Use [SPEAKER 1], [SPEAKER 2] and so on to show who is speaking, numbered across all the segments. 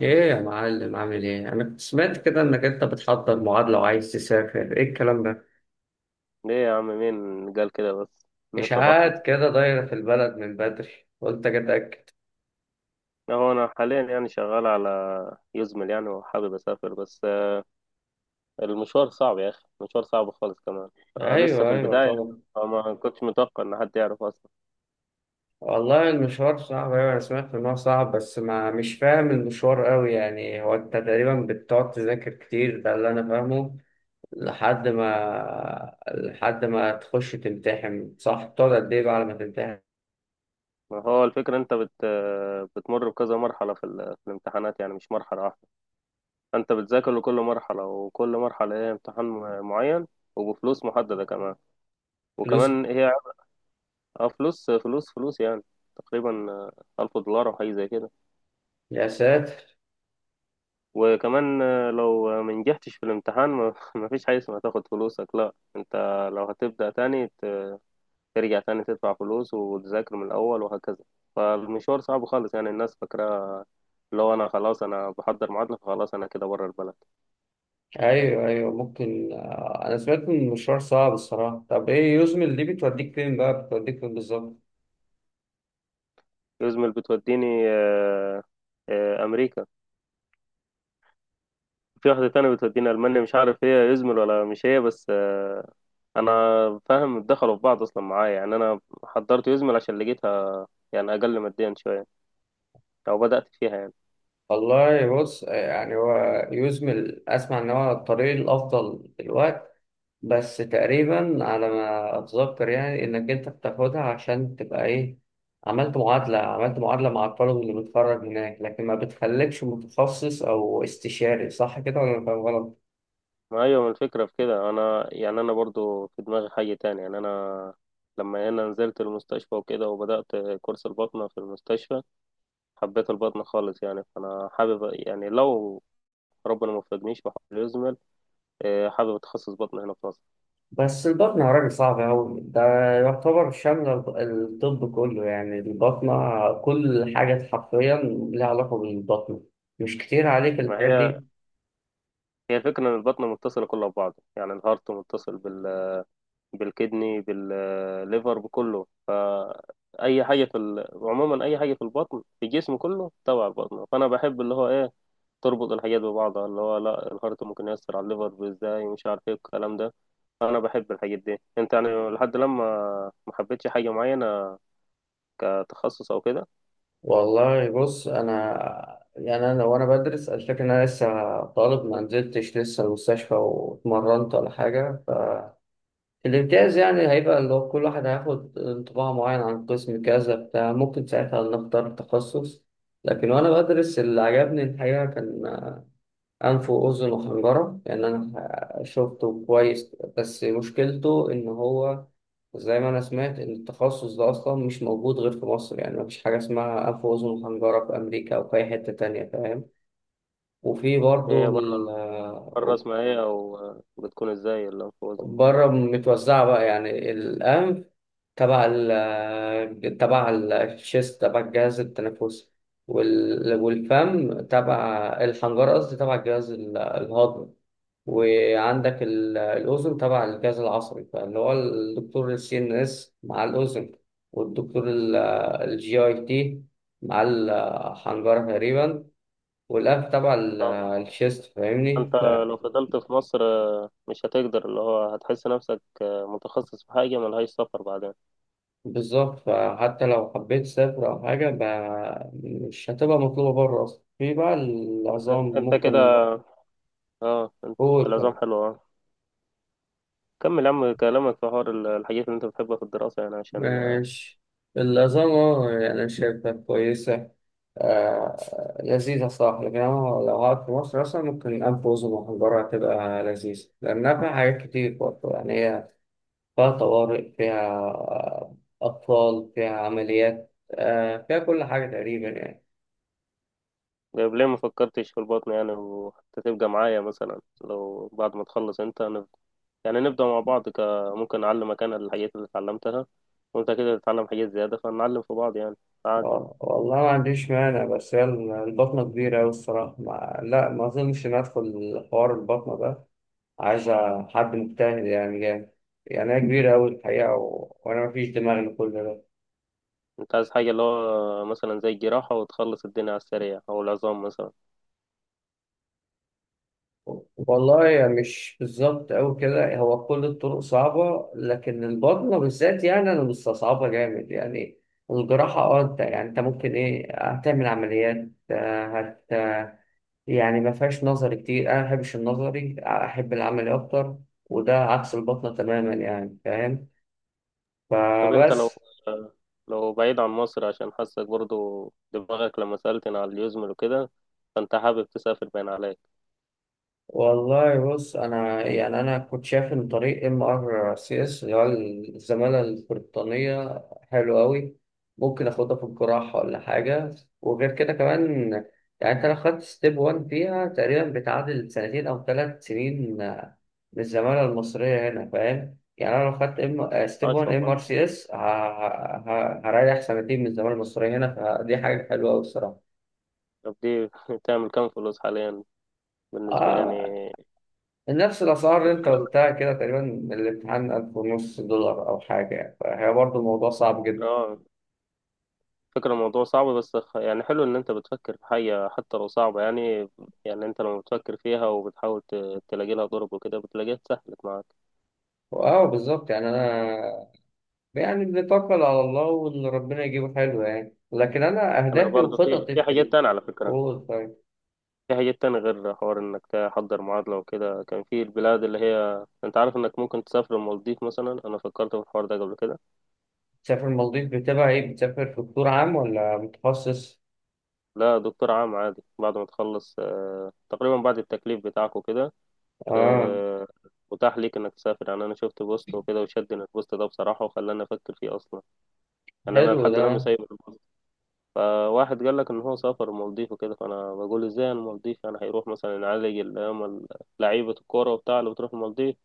[SPEAKER 1] ايه يا معلم عامل ايه؟ انا كنت سمعت كده انك انت بتحضر معادلة وعايز تسافر، ايه الكلام ده؟
[SPEAKER 2] ليه يا عم؟ مين قال كده بس؟ مين فضحنا؟
[SPEAKER 1] اشاعات كده دايرة في البلد من بدري، قلت اجي اتاكد.
[SPEAKER 2] هو انا حاليا يعني شغال على يزمل يعني وحابب اسافر، بس المشوار صعب يا اخي، مشوار صعب خالص كمان. آه، لسه في
[SPEAKER 1] ايوه ايوه
[SPEAKER 2] البداية،
[SPEAKER 1] طبعا.
[SPEAKER 2] فما كنتش متوقع ان حد يعرف اصلا.
[SPEAKER 1] والله المشوار صعب، ايوه انا سمعت ان هو صعب بس ما مش فاهم المشوار قوي، يعني هو انت تقريبا بتقعد تذاكر كتير، ده اللي انا فاهمه. لحد ما تخش تمتحن، صح؟ بتقعد قد ايه بقى على ما تمتحن؟
[SPEAKER 2] ما هو الفكرة انت بت بتمر بكذا مرحلة في الامتحانات، يعني مش مرحلة واحدة. انت بتذاكر لكل مرحلة، وكل مرحلة هي امتحان معين، وبفلوس محددة كمان.
[SPEAKER 1] فلوس؟
[SPEAKER 2] وكمان هي فلوس فلوس يعني. تقريبا ألف دولار أو حاجة زي كده.
[SPEAKER 1] يا ساتر.
[SPEAKER 2] وكمان لو ما نجحتش في الامتحان، ما ما فيش حاجة اسمها تاخد فلوسك، لا انت لو هتبدأ تاني، ترجع تاني تدفع فلوس وتذاكر من الأول، وهكذا. فالمشوار صعب خالص، يعني الناس فاكرة لو أنا خلاص أنا بحضر معادلة فخلاص أنا كده بره البلد.
[SPEAKER 1] ايوه ايوه ممكن. انا سمعت ان المشوار صعب الصراحه. طب ايه يوزمل دي؟ بتوديك فين بقى؟ بتوديك فين بالظبط؟
[SPEAKER 2] يزمل بتوديني آه، أمريكا. في واحدة تانية بتوديني ألمانيا، مش عارف هي يزمل ولا مش هي، بس آه، أنا فاهم دخلوا في بعض أصلا معايا. يعني أنا حضرت يزمل عشان لقيتها يعني أقل ماديا شوية، أو بدأت فيها يعني.
[SPEAKER 1] والله بص، يعني هو يوزمل، اسمع ان هو الطريق الافضل دلوقتي، بس تقريبا على ما اتذكر يعني انك انت بتاخدها عشان تبقى ايه، عملت معادله مع الطالب اللي بيتخرج هناك، لكن ما بتخليكش متخصص او استشاري، صح كده ولا أنا فاهم غلط؟
[SPEAKER 2] ما ايوه، ما الفكره في كده. انا يعني انا برضو في دماغي حاجه تانية. يعني انا لما هنا نزلت المستشفى وكده، وبدات كورس البطنه في المستشفى، حبيت البطنه خالص. يعني فانا حابب، يعني لو ربنا ما وفقنيش وحاول يزمل، إيه، حابب اتخصص بطنه هنا في مصر.
[SPEAKER 1] بس البطنة يا راجل صعبة أوي، ده يعتبر شاملة الطب كله، يعني البطنة كل حاجة حرفيا لها علاقة بالبطنة، مش كتير عليك
[SPEAKER 2] ما
[SPEAKER 1] الحاجات
[SPEAKER 2] هي،
[SPEAKER 1] دي؟
[SPEAKER 2] هي فكره ان البطنه متصله كلها ببعض، يعني الهارت متصل بالكدني بالليفر بكله، فاي حاجه عموما اي حاجه في البطن في الجسم كله تبع البطنه. فانا بحب اللي هو ايه، تربط الحاجات ببعضها، اللي هو لا، الهارت ممكن يأثر على الليفر ازاي، ومش عارف ايه الكلام ده. انا بحب الحاجات دي. انت يعني لحد لما، ما حبيتش حاجة معينة كتخصص او كده؟
[SPEAKER 1] والله بص أنا، يعني أنا لو أنا بدرس، الفكرة إن أنا لسه طالب، ما نزلتش لسه المستشفى واتمرنت ولا حاجة، فالامتياز يعني هيبقى اللي هو كل واحد هياخد انطباع معين عن قسم كذا بتاع، ممكن ساعتها نختار تخصص. لكن وأنا بدرس اللي عجبني الحقيقة كان أنف وأذن وحنجرة، لأن أنا شفته كويس، بس مشكلته إن هو زي ما أنا سمعت إن التخصص ده أصلا مش موجود غير في مصر، يعني مفيش حاجة اسمها أنف وأذن وحنجرة في أمريكا أو في أي حتة تانية، فاهم؟ وفي
[SPEAKER 2] إيه
[SPEAKER 1] برضه
[SPEAKER 2] هي بره، بره اسمها ايه، او بتكون ازاي الانفوزة؟
[SPEAKER 1] بره متوزعة بقى، يعني الأنف تبع ال تبع الشيست، تبع الجهاز التنفسي، والفم تبع الحنجرة، قصدي تبع الجهاز الهضمي، وعندك الأذن تبع الجهاز العصبي، فاللي هو الدكتور السي إن إس مع الأذن، والدكتور الجي أي تي مع الحنجرة تقريبا، والأنف تبع
[SPEAKER 2] اه.
[SPEAKER 1] الشيست، فاهمني؟
[SPEAKER 2] انت لو فضلت في مصر مش هتقدر، اللي هو هتحس نفسك متخصص في حاجة ملهاش سفر بعدين.
[SPEAKER 1] بالظبط، فحتى لو حبيت تسافر أو حاجة مش هتبقى مطلوبة بره أصلا. في بقى
[SPEAKER 2] بس
[SPEAKER 1] العظام
[SPEAKER 2] انت كده،
[SPEAKER 1] ممكن
[SPEAKER 2] اه انت. العظام
[SPEAKER 1] فوق.
[SPEAKER 2] حلو، اه. كمل يا عم كلامك، في حوار الحاجات اللي انت بتحبها في الدراسة يعني، عشان.
[SPEAKER 1] ماشي، العظام، يعني أنا شايفها كويسة، آه، لذيذة صراحة، لكن أنا لو قعدت في مصر أصلا ممكن أنف وأذن محجرة هتبقى لذيذة، لأنها فيها حاجات كتير برضه، يعني هي فيها طوارئ، فيها أطفال، فيها عمليات، آه، فيها كل حاجة تقريبا يعني.
[SPEAKER 2] طيب ليه ما فكرتش في البطن يعني؟ وحتى تبقى معايا مثلا، لو بعد ما تخلص انت يعني نبدأ مع بعض ممكن أعلمك أنا الحاجات اللي اتعلمتها، وأنت كده تتعلم حاجات زيادة، فنعلم في بعض يعني عادي.
[SPEAKER 1] والله ما عنديش مانع، بس هي البطنة كبيرة أوي الصراحة، ما أظنش إن أدخل حوار البطنة ده، عايزة حد مجتهد يعني جامد، يعني أنا كبير أوي الحقيقة وأنا مفيش دماغ لكل ده.
[SPEAKER 2] أنت عايز حاجة اللي هو مثلا زي الجراحة وتخلص الدنيا على السريع، أو العظام مثلا؟
[SPEAKER 1] والله يعني مش بالظبط أوي كده، هو كل الطرق صعبة لكن البطنة بالذات يعني أنا مستصعبها جامد يعني. الجراحة، أه، أنت يعني أنت ممكن إيه، هتعمل عمليات، آه، هت يعني ما فيهاش نظري كتير، أنا ما بحبش النظري، أحب العملي أكتر، وده عكس البطنة تماما، يعني فاهم؟
[SPEAKER 2] طب أنت
[SPEAKER 1] فبس
[SPEAKER 2] لو، لو بعيد عن مصر، عشان حاسك برضو دماغك لما سألتني على اليوزمل وكده، فأنت حابب تسافر باين عليك.
[SPEAKER 1] والله بص انا، يعني انا كنت شايف ان طريق ام ار سي اس، اللي هو الزماله البريطانيه، حلو قوي، ممكن اخدها في الجراحه ولا حاجه، وغير كده كمان يعني انت لو خدت ستيب 1 فيها تقريبا بتعادل سنتين او ثلاث سنين، من الزماله المصريه هنا، فاهم؟ يعني انا لو خدت ام ستيب
[SPEAKER 2] عاش
[SPEAKER 1] 1 ام ار
[SPEAKER 2] والله.
[SPEAKER 1] سي اس هريح سنتين من الزماله المصريه هنا، فدي حاجه حلوه قوي الصراحه.
[SPEAKER 2] طب دي تعمل كام فلوس حاليا، بالنسبة يعني؟
[SPEAKER 1] آه، نفس الأسعار اللي أنت قلتها كده تقريبا، الامتحان 1500 دولار أو حاجة يعني، فهي برضه الموضوع صعب جدا.
[SPEAKER 2] اه، فكرة الموضوع صعب، بس يعني حلو ان انت بتفكر في حاجة حتى لو صعبة يعني. يعني انت لما بتفكر فيها وبتحاول تلاقي لها ضرب وكده، بتلاقيها اتسهلت معاك.
[SPEAKER 1] أه بالظبط، يعني أنا يعني بنتوكل على الله، واللي ربنا يجيبه حلو يعني، لكن أنا
[SPEAKER 2] انا
[SPEAKER 1] أهدافي
[SPEAKER 2] برضه في
[SPEAKER 1] وخططي
[SPEAKER 2] في
[SPEAKER 1] في
[SPEAKER 2] حاجات تانية على فكرة.
[SPEAKER 1] قول طيب.
[SPEAKER 2] في حاجات تانية غير حوار انك تحضر معادلة وكده. كان في البلاد اللي هي انت عارف انك ممكن تسافر المالديف مثلا، انا فكرت في الحوار ده قبل كده.
[SPEAKER 1] تسافر المالديف بتبقى إيه، بتسافر في دكتور عام ولا متخصص؟
[SPEAKER 2] لا، دكتور عام عادي، بعد ما تخلص آه، تقريبا بعد التكليف بتاعك وكده.
[SPEAKER 1] أه،
[SPEAKER 2] آه، متاح ليك انك تسافر يعني. انا شفت بوست وكده وشدني البوست ده بصراحة، وخلاني افكر فيه اصلا، يعني انا
[SPEAKER 1] حلو
[SPEAKER 2] لحد
[SPEAKER 1] ده.
[SPEAKER 2] الان سايب البوست. فواحد قال لك ان هو سافر المالديف وكده، فانا بقول ازاي المالديف؟ يعني هيروح مثلا يعالج اللي هم لعيبة الكورة وبتاع اللي بتروح المالديف.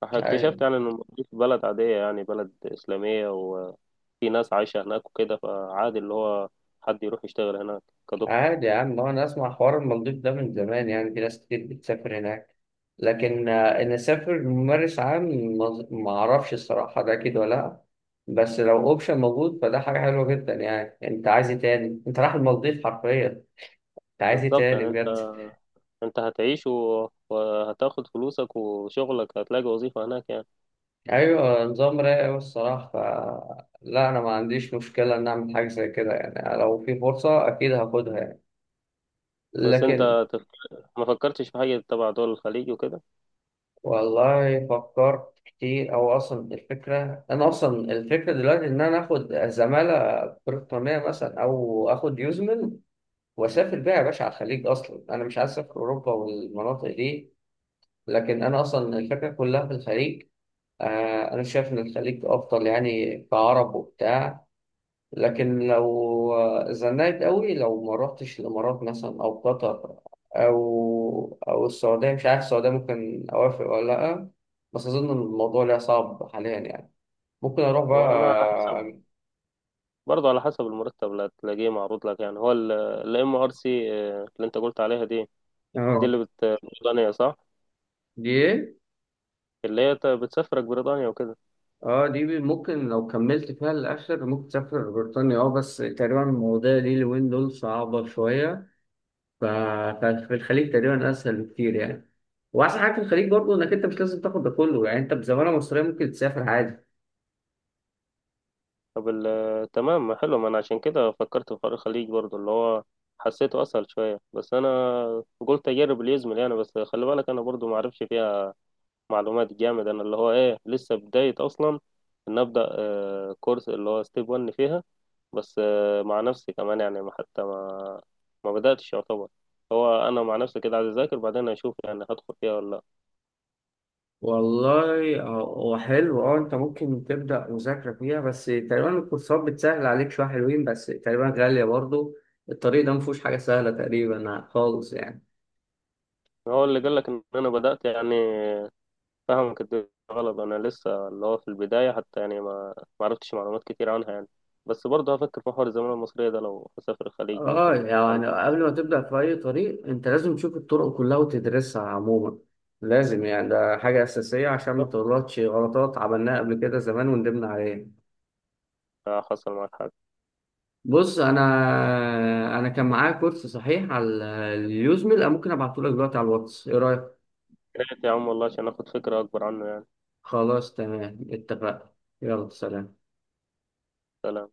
[SPEAKER 2] فاكتشفت يعني ان المالديف بلد عادية، يعني بلد اسلامية وفي ناس عايشة هناك وكده، فعادي اللي هو حد يروح يشتغل هناك كدكتور.
[SPEAKER 1] عادي يا عم، هو انا اسمع حوار المالديف ده من زمان، يعني في ناس كتير بتسافر هناك، لكن ان اسافر ممارس عام ما اعرفش الصراحه ده كده ولا لا، بس لو اوبشن موجود فده حاجه حلوه جدا، يعني انت عايز ايه تاني؟ انت رايح المالديف حرفيا، انت عايز ايه
[SPEAKER 2] بالظبط
[SPEAKER 1] تاني
[SPEAKER 2] يعني
[SPEAKER 1] بجد؟
[SPEAKER 2] انت، انت هتعيش وهتاخد فلوسك وشغلك، هتلاقي وظيفة هناك يعني.
[SPEAKER 1] ايوه نظام رايق أوي الصراحه. لا انا ما عنديش مشكله ان اعمل حاجه زي كده، يعني لو في فرصه اكيد هاخدها يعني،
[SPEAKER 2] بس
[SPEAKER 1] لكن
[SPEAKER 2] انت تف- ما فكرتش في حاجة تبع دول الخليج وكده؟
[SPEAKER 1] والله فكرت كتير، او اصلا الفكره دلوقتي ان انا اخد زماله بريطانيه مثلا او اخد يوزمل واسافر بيها يا باشا على الخليج، اصلا انا مش عايز اسافر اوروبا والمناطق دي، لكن انا اصلا الفكره كلها في الخليج. آه، انا شايف ان الخليج افضل يعني كعرب وبتاع، لكن لو زنقت قوي لو ما رحتش الامارات مثلا او قطر او السعوديه، مش عارف السعوديه ممكن اوافق ولا لا، بس اظن الموضوع ليها صعب حاليا يعني، ممكن اروح
[SPEAKER 2] وانا على
[SPEAKER 1] بقى.
[SPEAKER 2] حسب، برضه على حسب المرتب اللي هتلاقيه معروض لك يعني. هو الام ار سي اللي انت قلت عليها دي، دي
[SPEAKER 1] اه،
[SPEAKER 2] اللي بريطانيا صح؟
[SPEAKER 1] دي ايه؟
[SPEAKER 2] اللي هي بتسافرك بريطانيا وكده.
[SPEAKER 1] اه دي ممكن لو كملت فيها للاخر ممكن تسافر بريطانيا، اه، بس تقريبا المواضيع دي اليومين دول صعبه شويه، ف- ففي الخليج تقريبا اسهل بكتير يعني، واحسن حاجه في الخليج برضه انك انت مش لازم تاخد ده كله، يعني انت بزماله مصريه ممكن تسافر عادي.
[SPEAKER 2] طب آه، تمام، ما حلو. ما انا عشان كده فكرت في حوار الخليج برضه، اللي هو حسيته اسهل شوية، بس انا قلت اجرب اللي يزمل يعني. بس خلي بالك انا برضه ما اعرفش فيها معلومات جامد، انا اللي هو ايه لسه بداية اصلا، ان ابدا آه، كورس اللي هو ستيب 1 فيها. بس آه، مع نفسي كمان يعني، ما حتى ما، ما بدأتش يعتبر. هو أنا مع نفسي كده عايز أذاكر بعدين أشوف يعني هدخل فيها ولا لأ.
[SPEAKER 1] والله هو حلو، اه انت ممكن تبدأ مذاكرة فيها، بس تقريبا الكورسات بتسهل عليك شوية، حلوين بس تقريبا غالية برضو، الطريق ده مفهوش حاجة سهلة تقريبا خالص يعني.
[SPEAKER 2] هو اللي قال لك إن أنا بدأت يعني فهمك الدنيا غلط. أنا لسه اللي هو في البداية حتى يعني، ما ما عرفتش معلومات كتير عنها يعني. بس برضه هفكر في حوار الزمالة المصرية ده، لو هسافر الخليج ممكن
[SPEAKER 1] اه يعني
[SPEAKER 2] ألقى
[SPEAKER 1] قبل ما
[SPEAKER 2] فرصة.
[SPEAKER 1] تبدأ في أي طريق انت لازم تشوف الطرق كلها وتدرسها عموما، لازم يعني، ده حاجة أساسية عشان ما تغلطش غلطات عملناها قبل كده زمان وندمنا عليها.
[SPEAKER 2] آه، حصل معاك حاجة؟
[SPEAKER 1] بص أنا كان معايا كورس صحيح على اليوزميل، أنا ممكن أبعتهولك دلوقتي على الواتس، إيه رأيك؟
[SPEAKER 2] يا ريت يا عم والله، عشان آخد فكرة أكبر عنه يعني.
[SPEAKER 1] خلاص تمام، اتفقنا. يلا سلام.
[SPEAKER 2] سلام.